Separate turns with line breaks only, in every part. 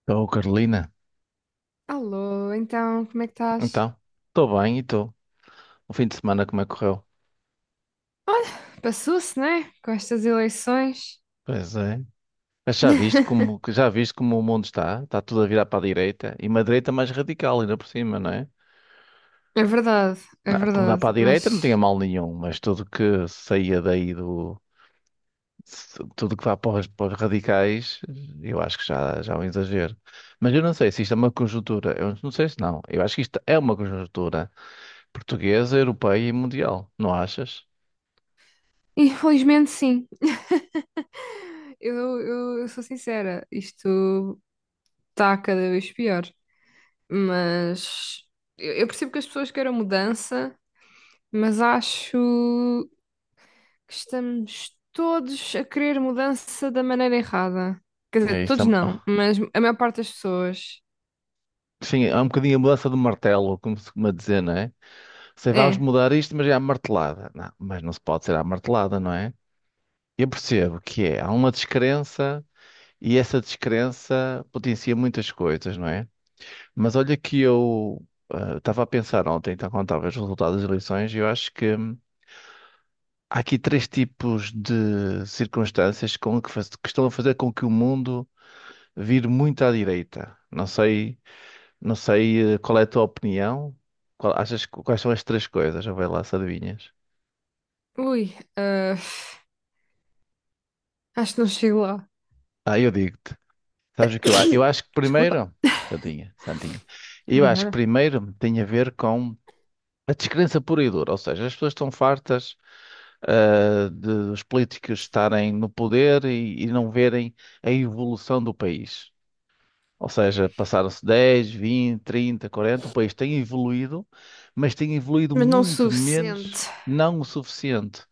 Estou, Carolina.
Alô, então, como é que estás?
Então, estou bem e estou. O fim de semana como é que correu?
Olha, passou-se, né? Com estas eleições.
Pois é. Mas já viste como, que já viste como o mundo está? Está tudo a virar para a direita. E uma direita mais radical ainda por cima, não é?
É verdade, é
Não, mudar
verdade,
para a
mas
direita não tinha mal nenhum, mas tudo que saía daí do. Tudo que vá para os radicais, eu acho que já é um exagero. Mas eu não sei se isto é uma conjuntura. Eu não sei se não. Eu acho que isto é uma conjuntura portuguesa, europeia e mundial. Não achas?
infelizmente sim. Eu, eu sou sincera, isto está cada vez pior. Mas eu percebo que as pessoas queiram mudança, mas acho que estamos todos a querer mudança da maneira errada. Quer dizer,
É isso.
todos não, mas a maior parte das pessoas.
Sim, há um bocadinho a mudança do martelo, como se costuma dizer, não é? Sei, vamos
É.
mudar isto, mas é à martelada. Não, mas não se pode ser à martelada, não é? Eu percebo que é, há uma descrença e essa descrença potencia muitas coisas, não é? Mas olha que eu estava a pensar ontem, então, quando estava os resultados das eleições, e eu acho que há aqui três tipos de circunstâncias que estão a fazer com que o mundo vire muito à direita. Não sei qual é a tua opinião. Achas, quais são as três coisas? Já vai lá se adivinhas.
Ui, ah, acho que não chego lá.
Ah, eu digo-te. Sabes o que eu acho? Eu acho que
Desculpa.
primeiro. Santinha, Santinha. Eu acho que
Obrigada.
primeiro tem a ver com a descrença pura e dura. Ou seja, as pessoas estão fartas, de os políticos estarem no poder e não verem a evolução do país. Ou seja, passaram-se 10, 20, 30, 40. O país tem evoluído, mas tem evoluído
Mas não o
muito menos,
suficiente.
não o suficiente,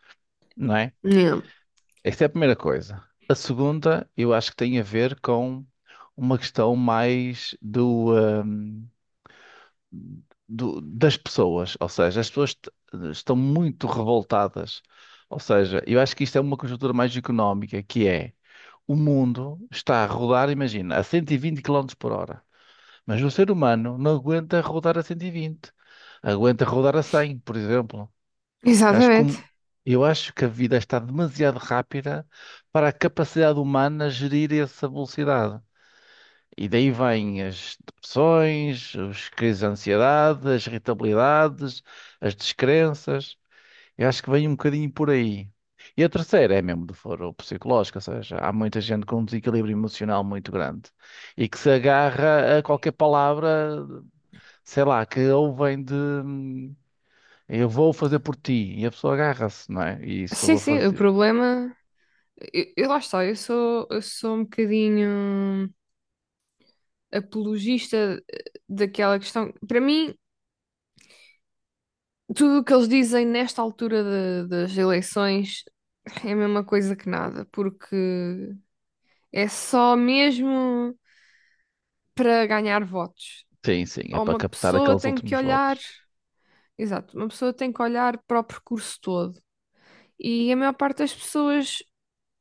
não é?
Não.
Esta é a primeira coisa. A segunda, eu acho que tem a ver com uma questão mais hum, das pessoas. Ou seja, as pessoas estão muito revoltadas. Ou seja, eu acho que isto é uma conjuntura mais económica, que é o mundo está a rodar, imagina, a 120 km por hora. Mas o ser humano não aguenta rodar a 120, aguenta rodar a 100, por exemplo. Eu acho que,
Exatamente.
o- eu acho que a vida está demasiado rápida para a capacidade humana gerir essa velocidade. E daí vêm as depressões, as crises de ansiedade, as irritabilidades, as descrenças. Eu acho que vem um bocadinho por aí. E a terceira é mesmo do foro psicológico, ou seja, há muita gente com um desequilíbrio emocional muito grande e que se agarra a qualquer palavra, sei lá, que ou vem de, eu vou fazer por ti. E a pessoa agarra-se, não é? E isso eu
Sim,
vou
sim, o
fazer.
problema. Eu lá está, eu sou um bocadinho apologista daquela questão. Para mim, tudo o que eles dizem nesta altura da- das eleições é a mesma coisa que nada, porque é só mesmo para ganhar votos.
Sim, sim, é
Ou
para
uma
captar
pessoa
aqueles
tem que
últimos
olhar.
votos.
Exato, uma pessoa tem que olhar para o percurso todo. E a maior parte das pessoas,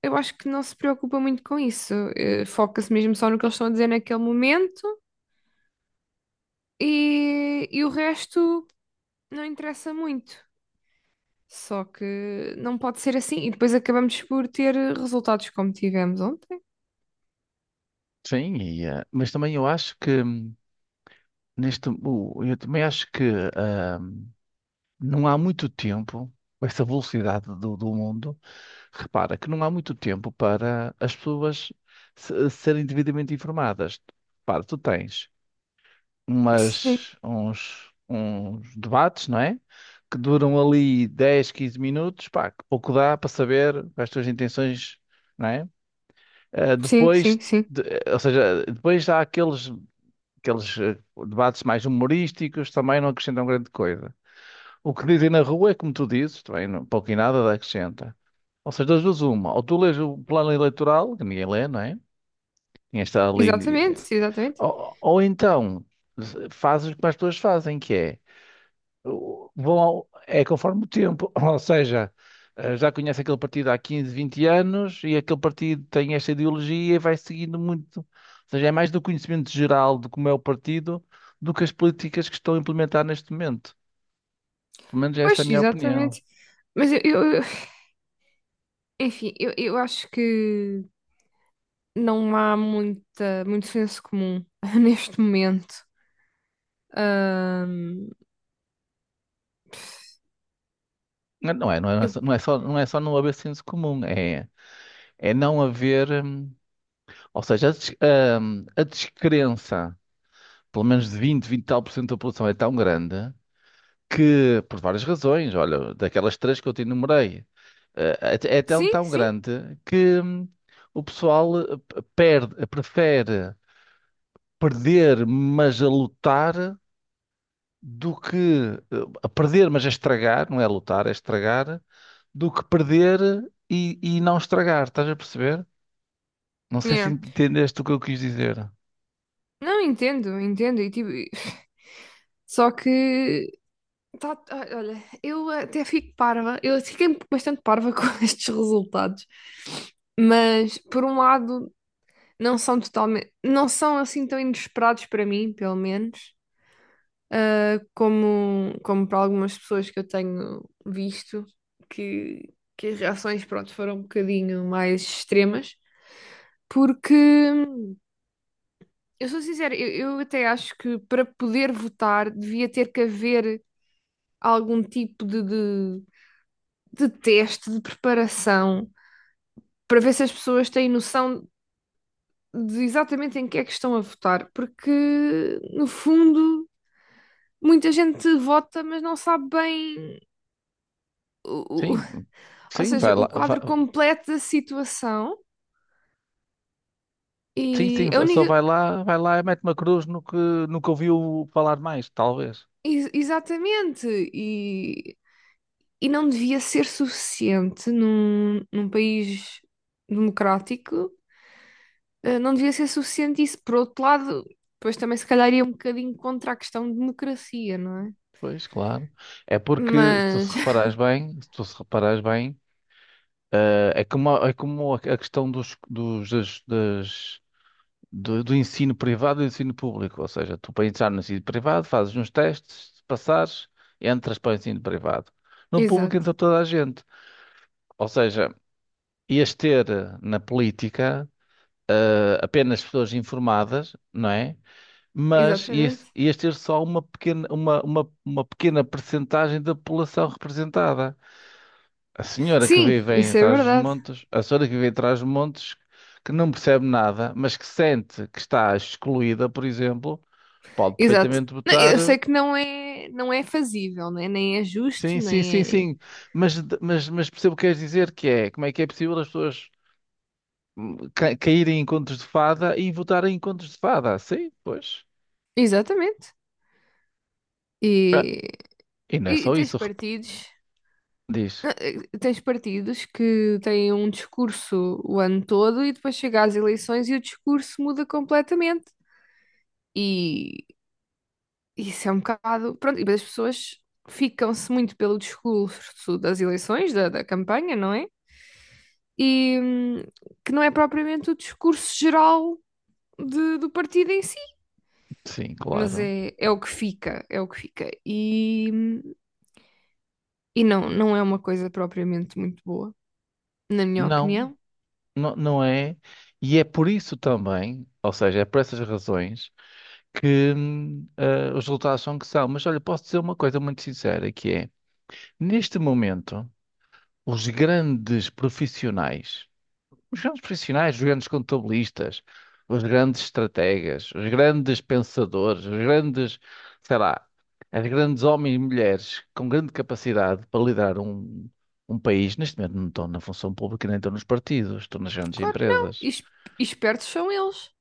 eu acho que não se preocupa muito com isso. Eh, foca-se mesmo só no que eles estão a dizer naquele momento e o resto não interessa muito. Só que não pode ser assim. E depois acabamos por ter resultados como tivemos ontem.
Sim, e, mas também eu acho que eu também acho que ah, não há muito tempo, com essa velocidade do mundo, repara que não há muito tempo para as pessoas serem devidamente informadas. Repara, tu tens
Sim,
uns debates, não é? Que duram ali 10 15 minutos, pá, que pouco dá para saber as tuas intenções, não é? Eh,
sim,
depois,
sim, sim.
ou seja, depois há aqueles debates mais humorísticos, também não acrescentam grande coisa. O que dizem na rua é como tu dizes, também pouco e nada acrescenta. Ou seja, das duas uma, ou tu lês o plano eleitoral, que ninguém lê, não é? Ninguém está ali.
Exatamente,
eh,
sim, exatamente.
ou então, eh, fazes o que mais pessoas fazem, que é é conforme o tempo, ou seja, já conhece aquele partido há 15, 20 anos e aquele partido tem esta ideologia e vai seguindo muito. Ou seja, é mais do conhecimento geral de como é o partido do que as políticas que estão a implementar neste momento. Pelo menos essa é a
Pois,
minha opinião.
exatamente. Mas enfim, eu acho que não há muito senso comum neste momento. Ahm,
Não é, não é, não é,
eu,
não é só não haver senso comum, é não haver, ou seja, a descrença, pelo menos de vinte e tal por cento da população é tão grande que, por várias razões, olha, daquelas três que eu te enumerei, eh, é tão,
Sim,
tão
sim.
grande que o pessoal prefere perder, mas a lutar, do que a perder, mas a estragar, não é lutar, é estragar, do que perder e não estragar, estás a perceber? Não sei se
Yeah.
entendeste o que eu quis dizer.
Não, entendo, entendo. E, tipo, e- só que. Tá, olha, eu até fico parva. Eu fiquei bastante parva com estes resultados. Mas, por um lado, não são totalmente. Não são assim tão inesperados para mim, pelo menos. Como, como para algumas pessoas que eu tenho visto, que as reações, pronto, foram um bocadinho mais extremas. Porque. Eu sou sincera, eu até acho que para poder votar devia ter que haver algum tipo de teste, de preparação, para ver se as pessoas têm noção de exatamente em que é que estão a votar, porque no fundo muita gente vota, mas não sabe bem o, o-
Sim,
ou
sim,
seja,
vai lá,
o quadro completo da situação
sim,
e
sim,
a
só
única.
vai lá e mete uma cruz no que ouviu falar mais, talvez.
Exatamente, e não devia ser suficiente num país democrático, não devia ser suficiente isso. Por outro lado, depois também se calhar ia um bocadinho contra a questão de democracia, não é?
Pois, claro. É porque, se tu se
Mas,
reparares bem, se tu se reparares bem, é como, é como a questão dos, dos, das, das- do, do ensino privado e do ensino público. Ou seja, tu para entrar no ensino privado fazes uns testes, se passares, entras para o ensino privado. No público
exato,
entra toda a gente. Ou seja, ias ter na política apenas pessoas informadas, não é? Mas ias,
exatamente.
ias ter só uma pequena percentagem da população representada. A senhora que
Sim,
vive em
isso é
atrás dos
verdade.
montes, a senhora que vive atrás dos montes, que não percebe nada, mas que sente que está excluída, por exemplo, pode
Exato.
perfeitamente
Não,
votar
eu sei que não é fazível, né? Nem é justo,
sim, sim, sim,
nem é.
sim. Mas percebo o que queres dizer, que é como é que é possível as pessoas caírem em contos de fada e votarem em contos de fada? Sim, pois.
Exatamente. E,
Ah, e não é
e
só
tens
isso,
partidos.
diz.
Tens partidos que têm um discurso o ano todo e depois chega às eleições e o discurso muda completamente. E isso é um bocado. Pronto, e depois as pessoas ficam-se muito pelo discurso das eleições, da campanha, não é? E que não é propriamente o discurso geral do partido em si,
Sim,
mas
claro.
é o que fica, é o que fica. E não, não é uma coisa propriamente muito boa, na minha
Não,
opinião.
não, não é. E é por isso também, ou seja, é por essas razões que os resultados são que são. Mas olha, posso dizer uma coisa muito sincera, que é, neste momento, os grandes profissionais, os grandes profissionais, os grandes contabilistas, os grandes estrategas, os grandes pensadores, os grandes, sei lá, as grandes homens e mulheres com grande capacidade para liderar um país, neste momento não estão na função pública, nem estão nos partidos, estão nas grandes
Claro que não.
empresas.
E espertos são eles.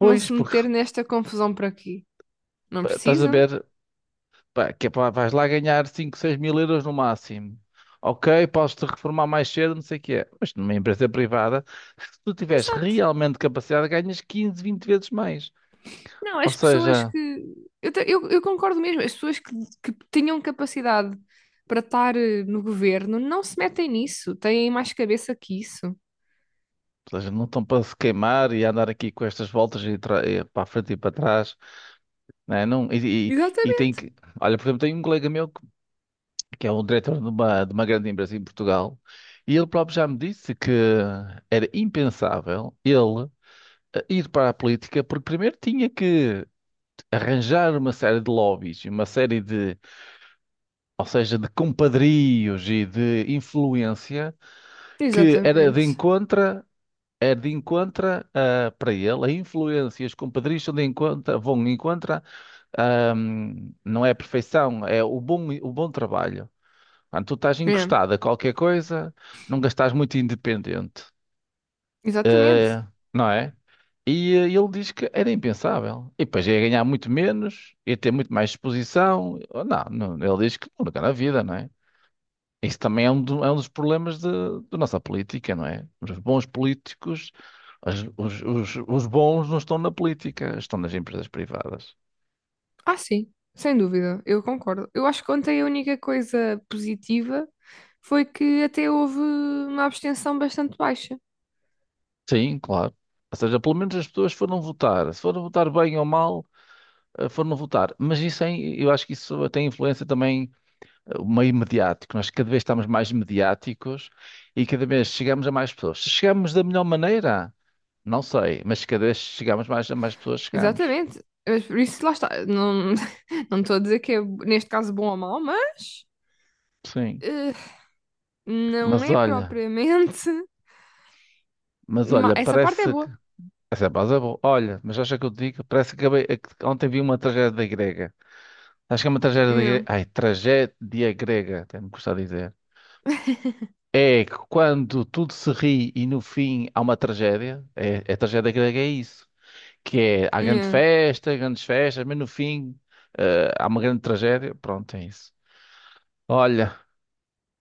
Vão se
porque
meter nesta confusão por aqui. Não
estás a
precisam?
ver, pá, que é pá, vais lá ganhar 5 6000 euros no máximo. Ok, podes-te reformar mais cedo, não sei o que é. Mas numa empresa privada, se tu tiveres
Exato.
realmente capacidade, ganhas 15, 20 vezes mais.
Não,
Ou
as pessoas
seja,
que. Eu concordo mesmo, as pessoas que tinham capacidade para estar no governo não se metem nisso, têm mais cabeça que isso.
ou seja, não estão para se queimar e andar aqui com estas voltas e para a frente e para trás. Né? Não, e tem
Exatamente.
que. Olha, por exemplo, tem um colega meu que é um diretor de uma grande empresa em Portugal e ele próprio já me disse que era impensável ele ir para a política porque primeiro tinha que arranjar uma série de lobbies, uma série de, ou seja, de compadrios e de influência que era de
Exatamente.
encontra, é de encontra para ele, a influência, e os compadrios são de encontra, vão de encontra, ah, não é a perfeição, é o bom trabalho. Quando tu estás
É,
encostado a qualquer coisa, nunca estás muito independente,
exatamente.
não é? E ele diz que era impensável. E depois ia ganhar muito menos, ia ter muito mais exposição. Oh, não, não, ele diz que nunca na vida, não é? Isso também é é um dos problemas da nossa política, não é? Os bons políticos, os bons não estão na política, estão nas empresas privadas.
Ah, sim, sem dúvida, eu concordo. Eu acho que ontem a única coisa positiva foi que até houve uma abstenção bastante baixa.
Sim, claro. Ou seja, pelo menos as pessoas foram votar. Se foram votar bem ou mal, foram votar. Mas isso é, eu acho que isso tem influência também o meio mediático. Nós cada vez estamos mais mediáticos e cada vez chegamos a mais pessoas. Se chegamos da melhor maneira, não sei, mas cada vez chegamos mais a mais pessoas, chegamos.
Exatamente. Mas por isso, lá está. Não, não estou a dizer que é, neste caso, bom ou mau, mas
Sim.
eh, não
Mas
é
olha,
propriamente.
mas olha,
Essa parte é
parece que.
boa.
Essa é pausa boa. Olha, mas acha que eu te digo? Parece que é que ontem vi uma tragédia grega. Acho que é uma tragédia
Nhã.
grega. Ai, tragédia grega, até me custa dizer. É que quando tudo se ri e no fim há uma tragédia, é, tragédia grega, é isso. Que é, há grande
Nhã.
festa, grandes festas, mas no fim, há uma grande tragédia. Pronto, é isso. Olha,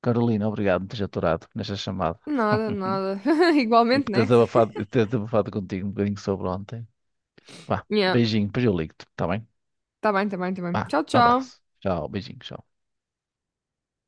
Carolina, obrigado por me teres aturado nesta chamada
Nada, nada.
e
Igualmente,
por
né?
teres abafado contigo um bocadinho sobre ontem. Vá,
Nhã.
beijinho, depois eu ligo-te, está bem?
Tá bem, tá bem, tá bem.
Vá,
Tchau,
um
tchau.
abraço. Tchau, beijinho, tchau.